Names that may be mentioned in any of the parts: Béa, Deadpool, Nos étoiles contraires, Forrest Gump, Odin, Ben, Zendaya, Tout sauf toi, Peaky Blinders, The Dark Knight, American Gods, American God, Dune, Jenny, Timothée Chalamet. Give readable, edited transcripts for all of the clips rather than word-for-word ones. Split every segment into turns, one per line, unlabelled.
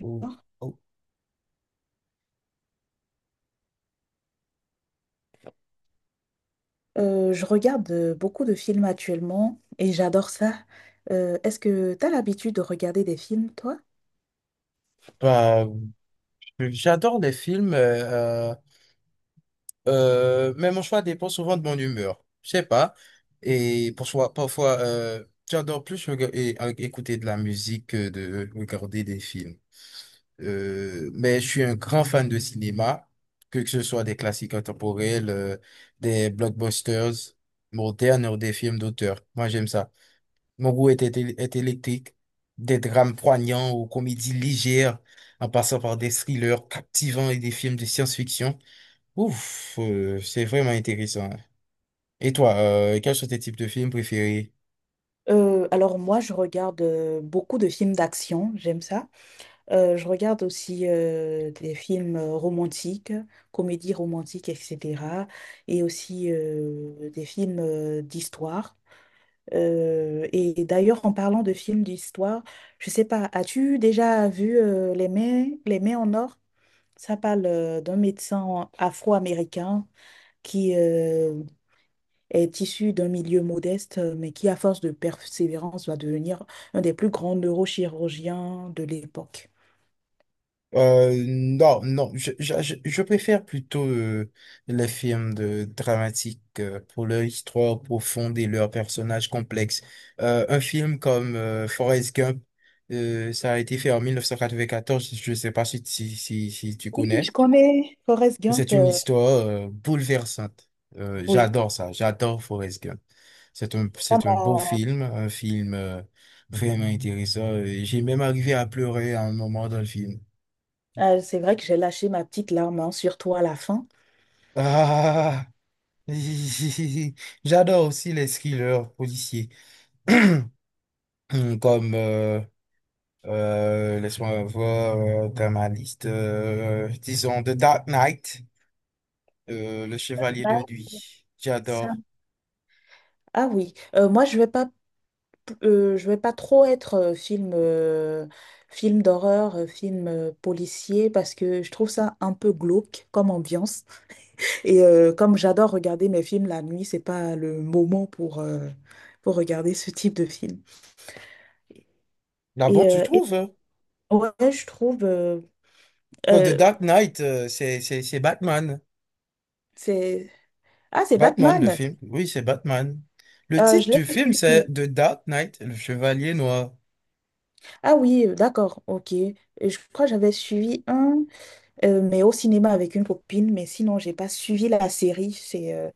Ou- ou-
Je regarde beaucoup de films actuellement et j'adore ça. Est-ce que tu as l'habitude de regarder des films, toi?
Bah, J'adore les films, mais mon choix dépend souvent de mon humeur. Je sais pas. Et pour soi, parfois, euh, j'adore plus écouter de la musique que de regarder des films. Mais je suis un grand fan de cinéma, que ce soit des classiques intemporels, des blockbusters modernes ou des films d'auteur. Moi, j'aime ça. Mon goût est électrique, des drames poignants aux comédies légères, en passant par des thrillers captivants et des films de science-fiction. C'est vraiment intéressant. Et toi, quels sont tes types de films préférés?
Alors moi, je regarde beaucoup de films d'action, j'aime ça. Je regarde aussi des films romantiques, comédies romantiques, etc. Et aussi des films d'histoire. Et d'ailleurs, en parlant de films d'histoire, je sais pas, as-tu déjà vu Les Mains en or? Ça parle d'un médecin afro-américain qui est issu d'un milieu modeste, mais qui, à force de persévérance, va devenir un des plus grands neurochirurgiens de l'époque.
Non, non, je préfère plutôt les films de dramatiques pour leur histoire profonde et leurs personnages complexes. Un film comme Forrest Gump, ça a été fait en 1994, je ne sais pas si tu
Oui, je
connais.
connais. Forrest Gump,
C'est une histoire bouleversante.
oui,
J'adore ça, j'adore Forrest Gump. C'est un,
ça
c'est un beau
m'a-
film, un film vraiment intéressant. J'ai même arrivé à pleurer à un moment dans le film.
c'est vrai que j'ai lâché ma petite larme, hein, surtout à la fin.
Ah! J'adore aussi les thrillers policiers, comme, laisse-moi voir, dans ma liste, disons The Dark Knight, Le Chevalier de
Ouais.
Nuit.
Ça-
J'adore.
Ah oui, moi, je vais pas trop être film d'horreur, film policier parce que je trouve ça un peu glauque comme ambiance. Et comme j'adore regarder mes films la nuit, c'est pas le moment pour regarder ce type de film.
Là, bon,
Et,
tu
euh, et-
trouves? Hein?
ouais, je trouve
Bon, The
euh,
Dark Knight, c'est Batman.
c'est c'est
Batman, le
Batman.
film. Oui, c'est Batman. Le titre
Je l'ai
du film,
suivi.
c'est The Dark Knight, Le Chevalier Noir.
Ah oui, d'accord, ok. Et je crois que j'avais suivi mais au cinéma avec une copine. Mais sinon, j'ai pas suivi la série. C'est euh,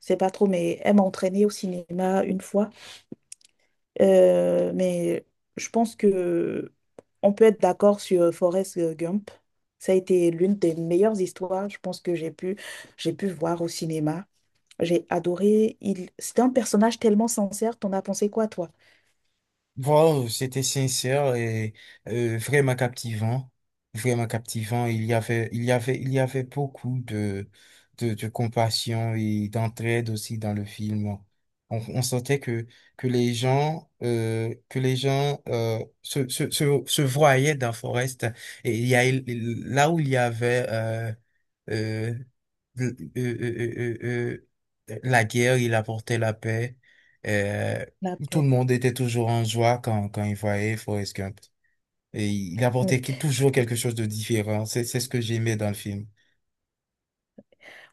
c'est pas trop. Mais elle m'a entraînée au cinéma une fois. Mais je pense que on peut être d'accord sur Forrest Gump. Ça a été l'une des meilleures histoires, je pense que j'ai pu voir au cinéma. J'ai adoré. C'était un personnage tellement sincère. T'en as pensé quoi, toi?
Wow, c'était sincère et vraiment captivant, vraiment captivant. Il y avait, il y avait, il y avait beaucoup de, de compassion et d'entraide aussi dans le film. On sentait que les gens, se voyaient dans Forest. Et il y a, là où il y avait euh, le- euh, euh, euh, euh, la guerre, il apportait la paix. Euh,
La
Tout
paix.
le monde était toujours en joie quand il voyait Forrest Gump. Et il apportait toujours quelque chose de différent. C'est ce que j'aimais dans le film.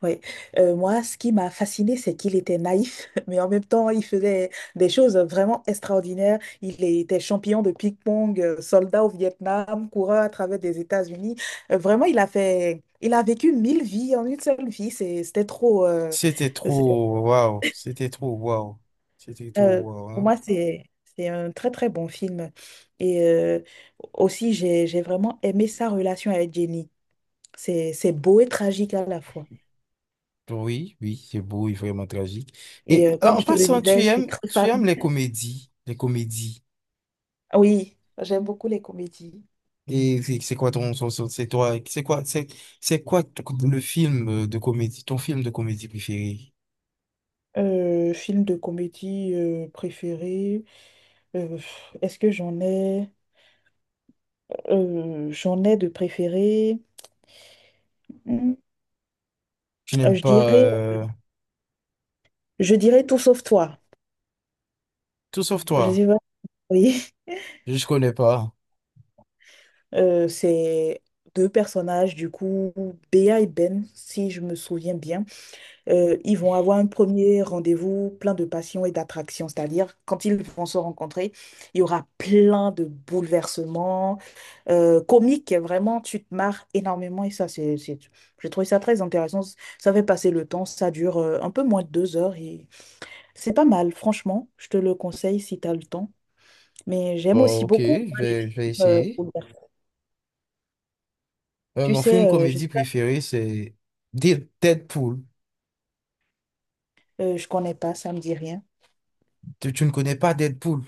Oui. Moi, ce qui m'a fasciné, c'est qu'il était naïf, mais en même temps, il faisait des choses vraiment extraordinaires. Il était champion de ping-pong, soldat au Vietnam, coureur à travers des États-Unis. Vraiment, il a vécu mille vies en une seule vie. C'était trop.
C'était
C'est-
trop waouh, c'était trop waouh, c'était trop
euh,
waouh.
pour
Hein.
moi, c'est un très très bon film. Et aussi, j'ai vraiment aimé sa relation avec Jenny. C'est beau et tragique à la fois.
Oui, oui, c'est beau et vraiment tragique.
Et
Et en
comme
en
je te le
passant, tu
disais, je suis
aimes,
très
tu
fan.
aimes les comédies, les comédies.
Ah oui, j'aime beaucoup les comédies.
Et c'est quoi ton, son- son- c'est toi, c'est quoi t- le film de comédie, ton film de comédie préféré?
Film de comédie préféré. euh, Est-ce que j'en ai? J'en ai de préféré. Hmm,
Tu
euh,
n'aimes
je
pas
dirais, je dirais Tout sauf toi.
Tout sauf
Je
toi.
sais pas. Oui.
Je connais pas.
C'est deux personnages, du coup, Béa et Ben, si je me souviens bien. Ils vont avoir un premier rendez-vous plein de passion et d'attraction, c'est-à-dire quand ils vont se rencontrer, il y aura plein de bouleversements comiques, vraiment, tu te marres énormément et ça, j'ai trouvé ça très intéressant. Ça fait passer le temps, ça dure un peu moins de 2 heures et c'est pas mal, franchement, je te le conseille si tu as le temps. Mais j'aime
Bon,
aussi
ok,
beaucoup
je
moi, les
vais, je vais
films,
essayer.
bouleversants. Tu
Mon
sais,
film
je sais
comédie
pas,
préféré, c'est Deadpool.
je connais pas, ça me dit rien.
Tu ne connais pas Deadpool?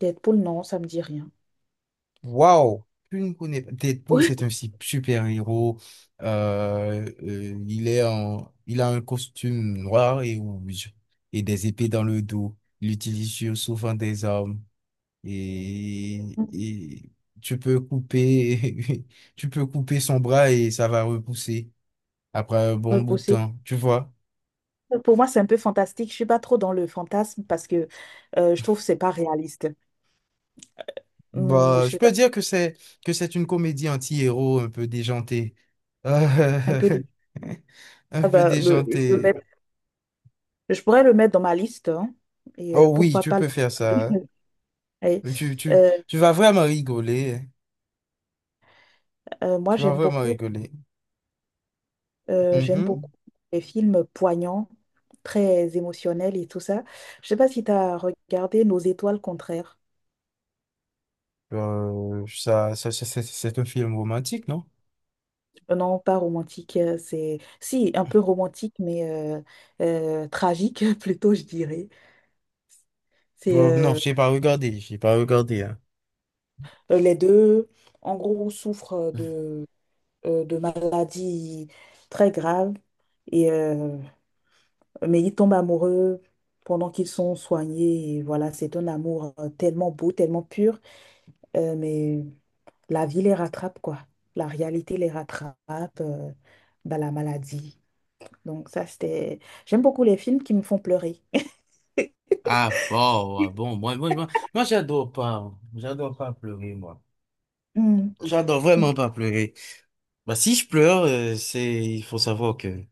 Deadpool, non, ça me dit rien.
Waouh! Tu ne connais pas. Deadpool,
Oui.
c'est un super-héros. Il a un costume noir et rouge et des épées dans le dos. Il utilise souvent des armes et tu peux couper, tu peux couper son bras et ça va repousser après un bon bout de
Repousser.
temps, tu vois?
Pour moi, c'est un peu fantastique. Je suis pas trop dans le fantasme parce que je trouve que c'est pas réaliste. Je
Bah, je
sais
peux
pas,
dire que c'est une comédie anti-héros un peu déjantée. Euh,
un peu des-
un
Ah
peu
bah,
déjantée.
je pourrais le mettre dans ma liste, hein, et
Oh oui,
pourquoi
tu
pas le
peux faire ça.
regarder. Ouais.
Hein. Tu, tu,
Euh,
tu vas vraiment rigoler. Hein.
Moi,
Tu vas
j'aime
vraiment
beaucoup,
rigoler.
euh, j'aime
Mhm.
beaucoup les films poignants, très émotionnels et tout ça. Je sais pas si tu as regardé Nos étoiles contraires.
C'est un film romantique, non?
Non, pas romantique, c'est si un peu romantique, mais tragique plutôt, je dirais. C'est
Non, je n'ai pas regardé. Je n'ai pas regardé. Hein.
Les deux, en gros, souffrent de maladies très graves, et, euh, mais ils tombent amoureux pendant qu'ils sont soignés. Et voilà, c'est un amour tellement beau, tellement pur, mais la vie les rattrape, quoi. La réalité les rattrape, euh, bah, la maladie. Donc ça, c'était. J'aime beaucoup les films qui me font pleurer.
Ah bon, moi j'adore pas pleurer, moi.
Mm.
J'adore
Mm.
vraiment pas pleurer. Bah, si je pleure, c'est, il faut savoir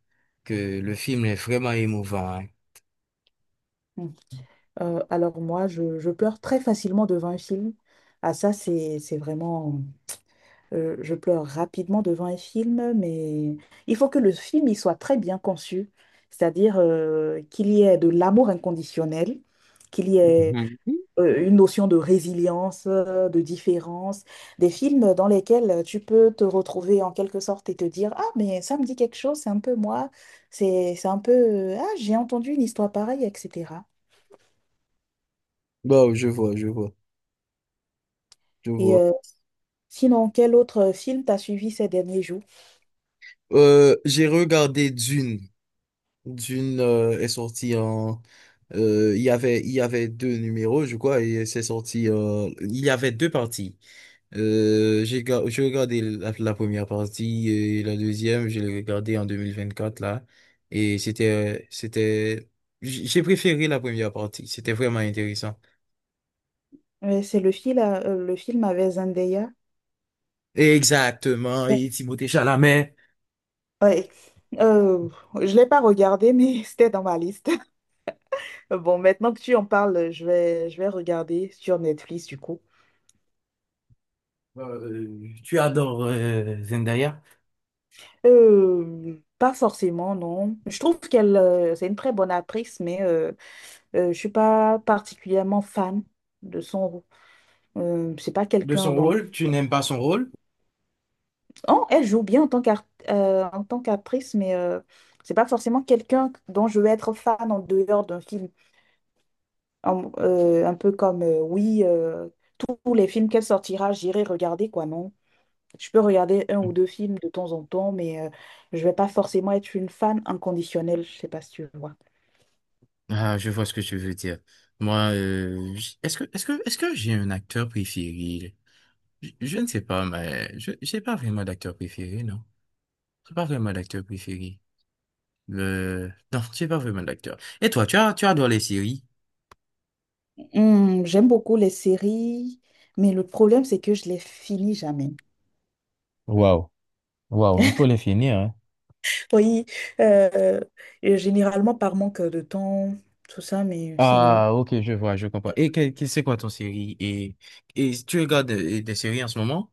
que le film est vraiment émouvant, hein.
Mm. Alors moi, je pleure très facilement devant un film. Ah ça, c'est vraiment. Je pleure rapidement devant un film, mais il faut que le film il soit très bien conçu, c'est-à-dire qu'il y ait de l'amour inconditionnel, qu'il y ait
Mhm.
une notion de résilience, de différence, des films dans lesquels tu peux te retrouver en quelque sorte et te dire, ah, mais ça me dit quelque chose, c'est un peu moi, c'est un peu, ah, j'ai entendu une histoire pareille, etc.
Bon, je vois, je vois, je
Et
vois.
sinon, quel autre film t'as suivi ces derniers jours?
J'ai regardé Dune. Dune est sorti en... euh, il y avait deux numéros, je crois, et c'est sorti... il y avait deux parties. J'ai regardé la, la première partie et la deuxième, je l'ai regardée en 2024 là. Et j'ai préféré la première partie. C'était vraiment intéressant.
C'est le film avec Zendaya.
Exactement. Et Timothée Chalamet.
Ouais. Euh, je l'ai pas regardé, mais c'était dans ma liste. Bon, maintenant que tu en parles, je vais regarder sur Netflix, du coup.
Tu adores Zendaya.
Pas forcément, non. Je trouve qu'elle, c'est une très bonne actrice, mais je suis pas particulièrement fan de son rôle. C'est pas
De
quelqu'un
son
dans.
rôle, tu n'aimes pas son rôle.
Oh, elle joue bien en tant qu'actrice, mais c'est pas forcément quelqu'un dont je vais être fan en dehors d'un film. Un peu comme, oui, tous les films qu'elle sortira, j'irai regarder, quoi, non? Je peux regarder un ou deux films de temps en temps, mais je vais pas forcément être une fan inconditionnelle, je sais pas si tu vois.
Ah, je vois ce que tu veux dire. Moi, est-ce que j'ai un acteur préféré? Je ne sais pas, mais je, j'ai pas vraiment d'acteur préféré, non. J'ai pas vraiment d'acteur préféré. Le... Non, j'ai pas vraiment d'acteur. Et toi, tu adores les séries?
J'aime beaucoup les séries, mais le problème, c'est que je les finis jamais.
Waouh, waouh, il faut les finir, hein.
Oui, euh, et généralement par manque de temps, tout ça, mais sinon.
Ah, ok, je vois, je comprends. Et c'est quoi ton série? Et tu regardes des séries en ce moment?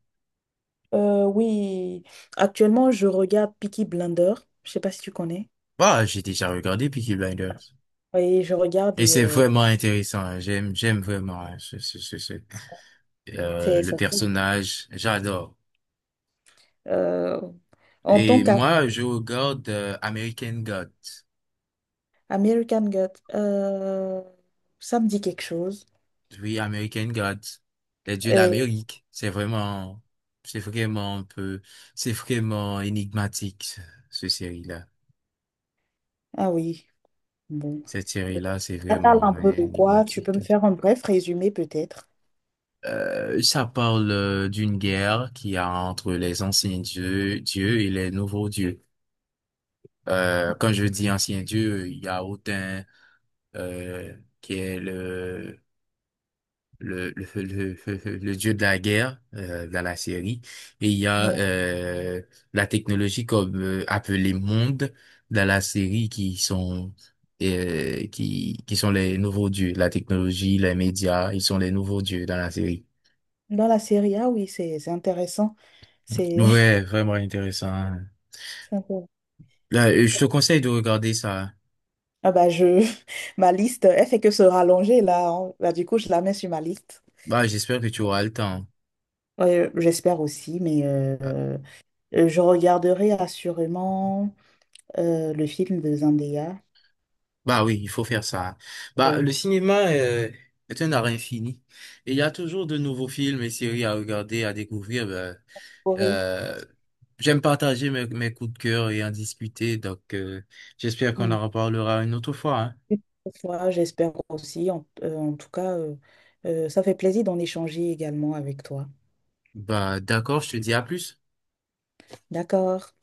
Oui, actuellement, je regarde Peaky Blinders, je sais pas si tu connais.
Ah, j'ai déjà regardé Peaky Blinders.
Oui, je regarde
Et
et
c'est vraiment intéressant. Hein. J'aime vraiment hein,
c'est
le
ça.
personnage, j'adore.
Euh, En tant
Et
qu'à
moi, je regarde American Gods.
American God, ça me dit quelque chose.
Oui, American Gods, les dieux
Euh,
d'Amérique. C'est vraiment un peu, c'est vraiment énigmatique, ce série-là.
ah oui, bon.
Cette série-là, c'est
Ça parle un
vraiment
peu de quoi? Tu peux me
énigmatique.
faire un bref résumé peut-être?
Ça parle d'une guerre qu'il y a entre les anciens dieux et les nouveaux dieux. Quand je dis anciens dieux, il y a Odin, qui est le dieu de la guerre dans la série. Et il y a
Voilà.
la technologie comme appelée monde dans la série qui sont qui sont les nouveaux dieux. La technologie, les médias, ils sont les nouveaux dieux dans la série.
Dans la série A, oui, c'est intéressant. C'est
Ouais, vraiment intéressant.
c'est intéressant.
Là, je te conseille de regarder ça.
Ah bah, je. Ma liste, elle fait que se rallonger là, hein. Bah, du coup, je la mets sur ma liste.
Bah, j'espère que tu auras le temps.
Ouais, j'espère aussi, mais je regarderai assurément le film de Zendaya.
Bah oui, il faut faire ça. Bah,
Oui.
le cinéma est un art infini. Et il y a toujours de nouveaux films et séries à regarder, à découvrir. Bah,
Pour rire.
euh, j'aime partager mes coups de cœur et en discuter. Donc, j'espère qu'on en reparlera une autre fois. Hein.
Une fois, j'espère aussi. En tout cas, ça fait plaisir d'en échanger également avec toi.
Bah, d'accord, je te dis à plus.
D'accord.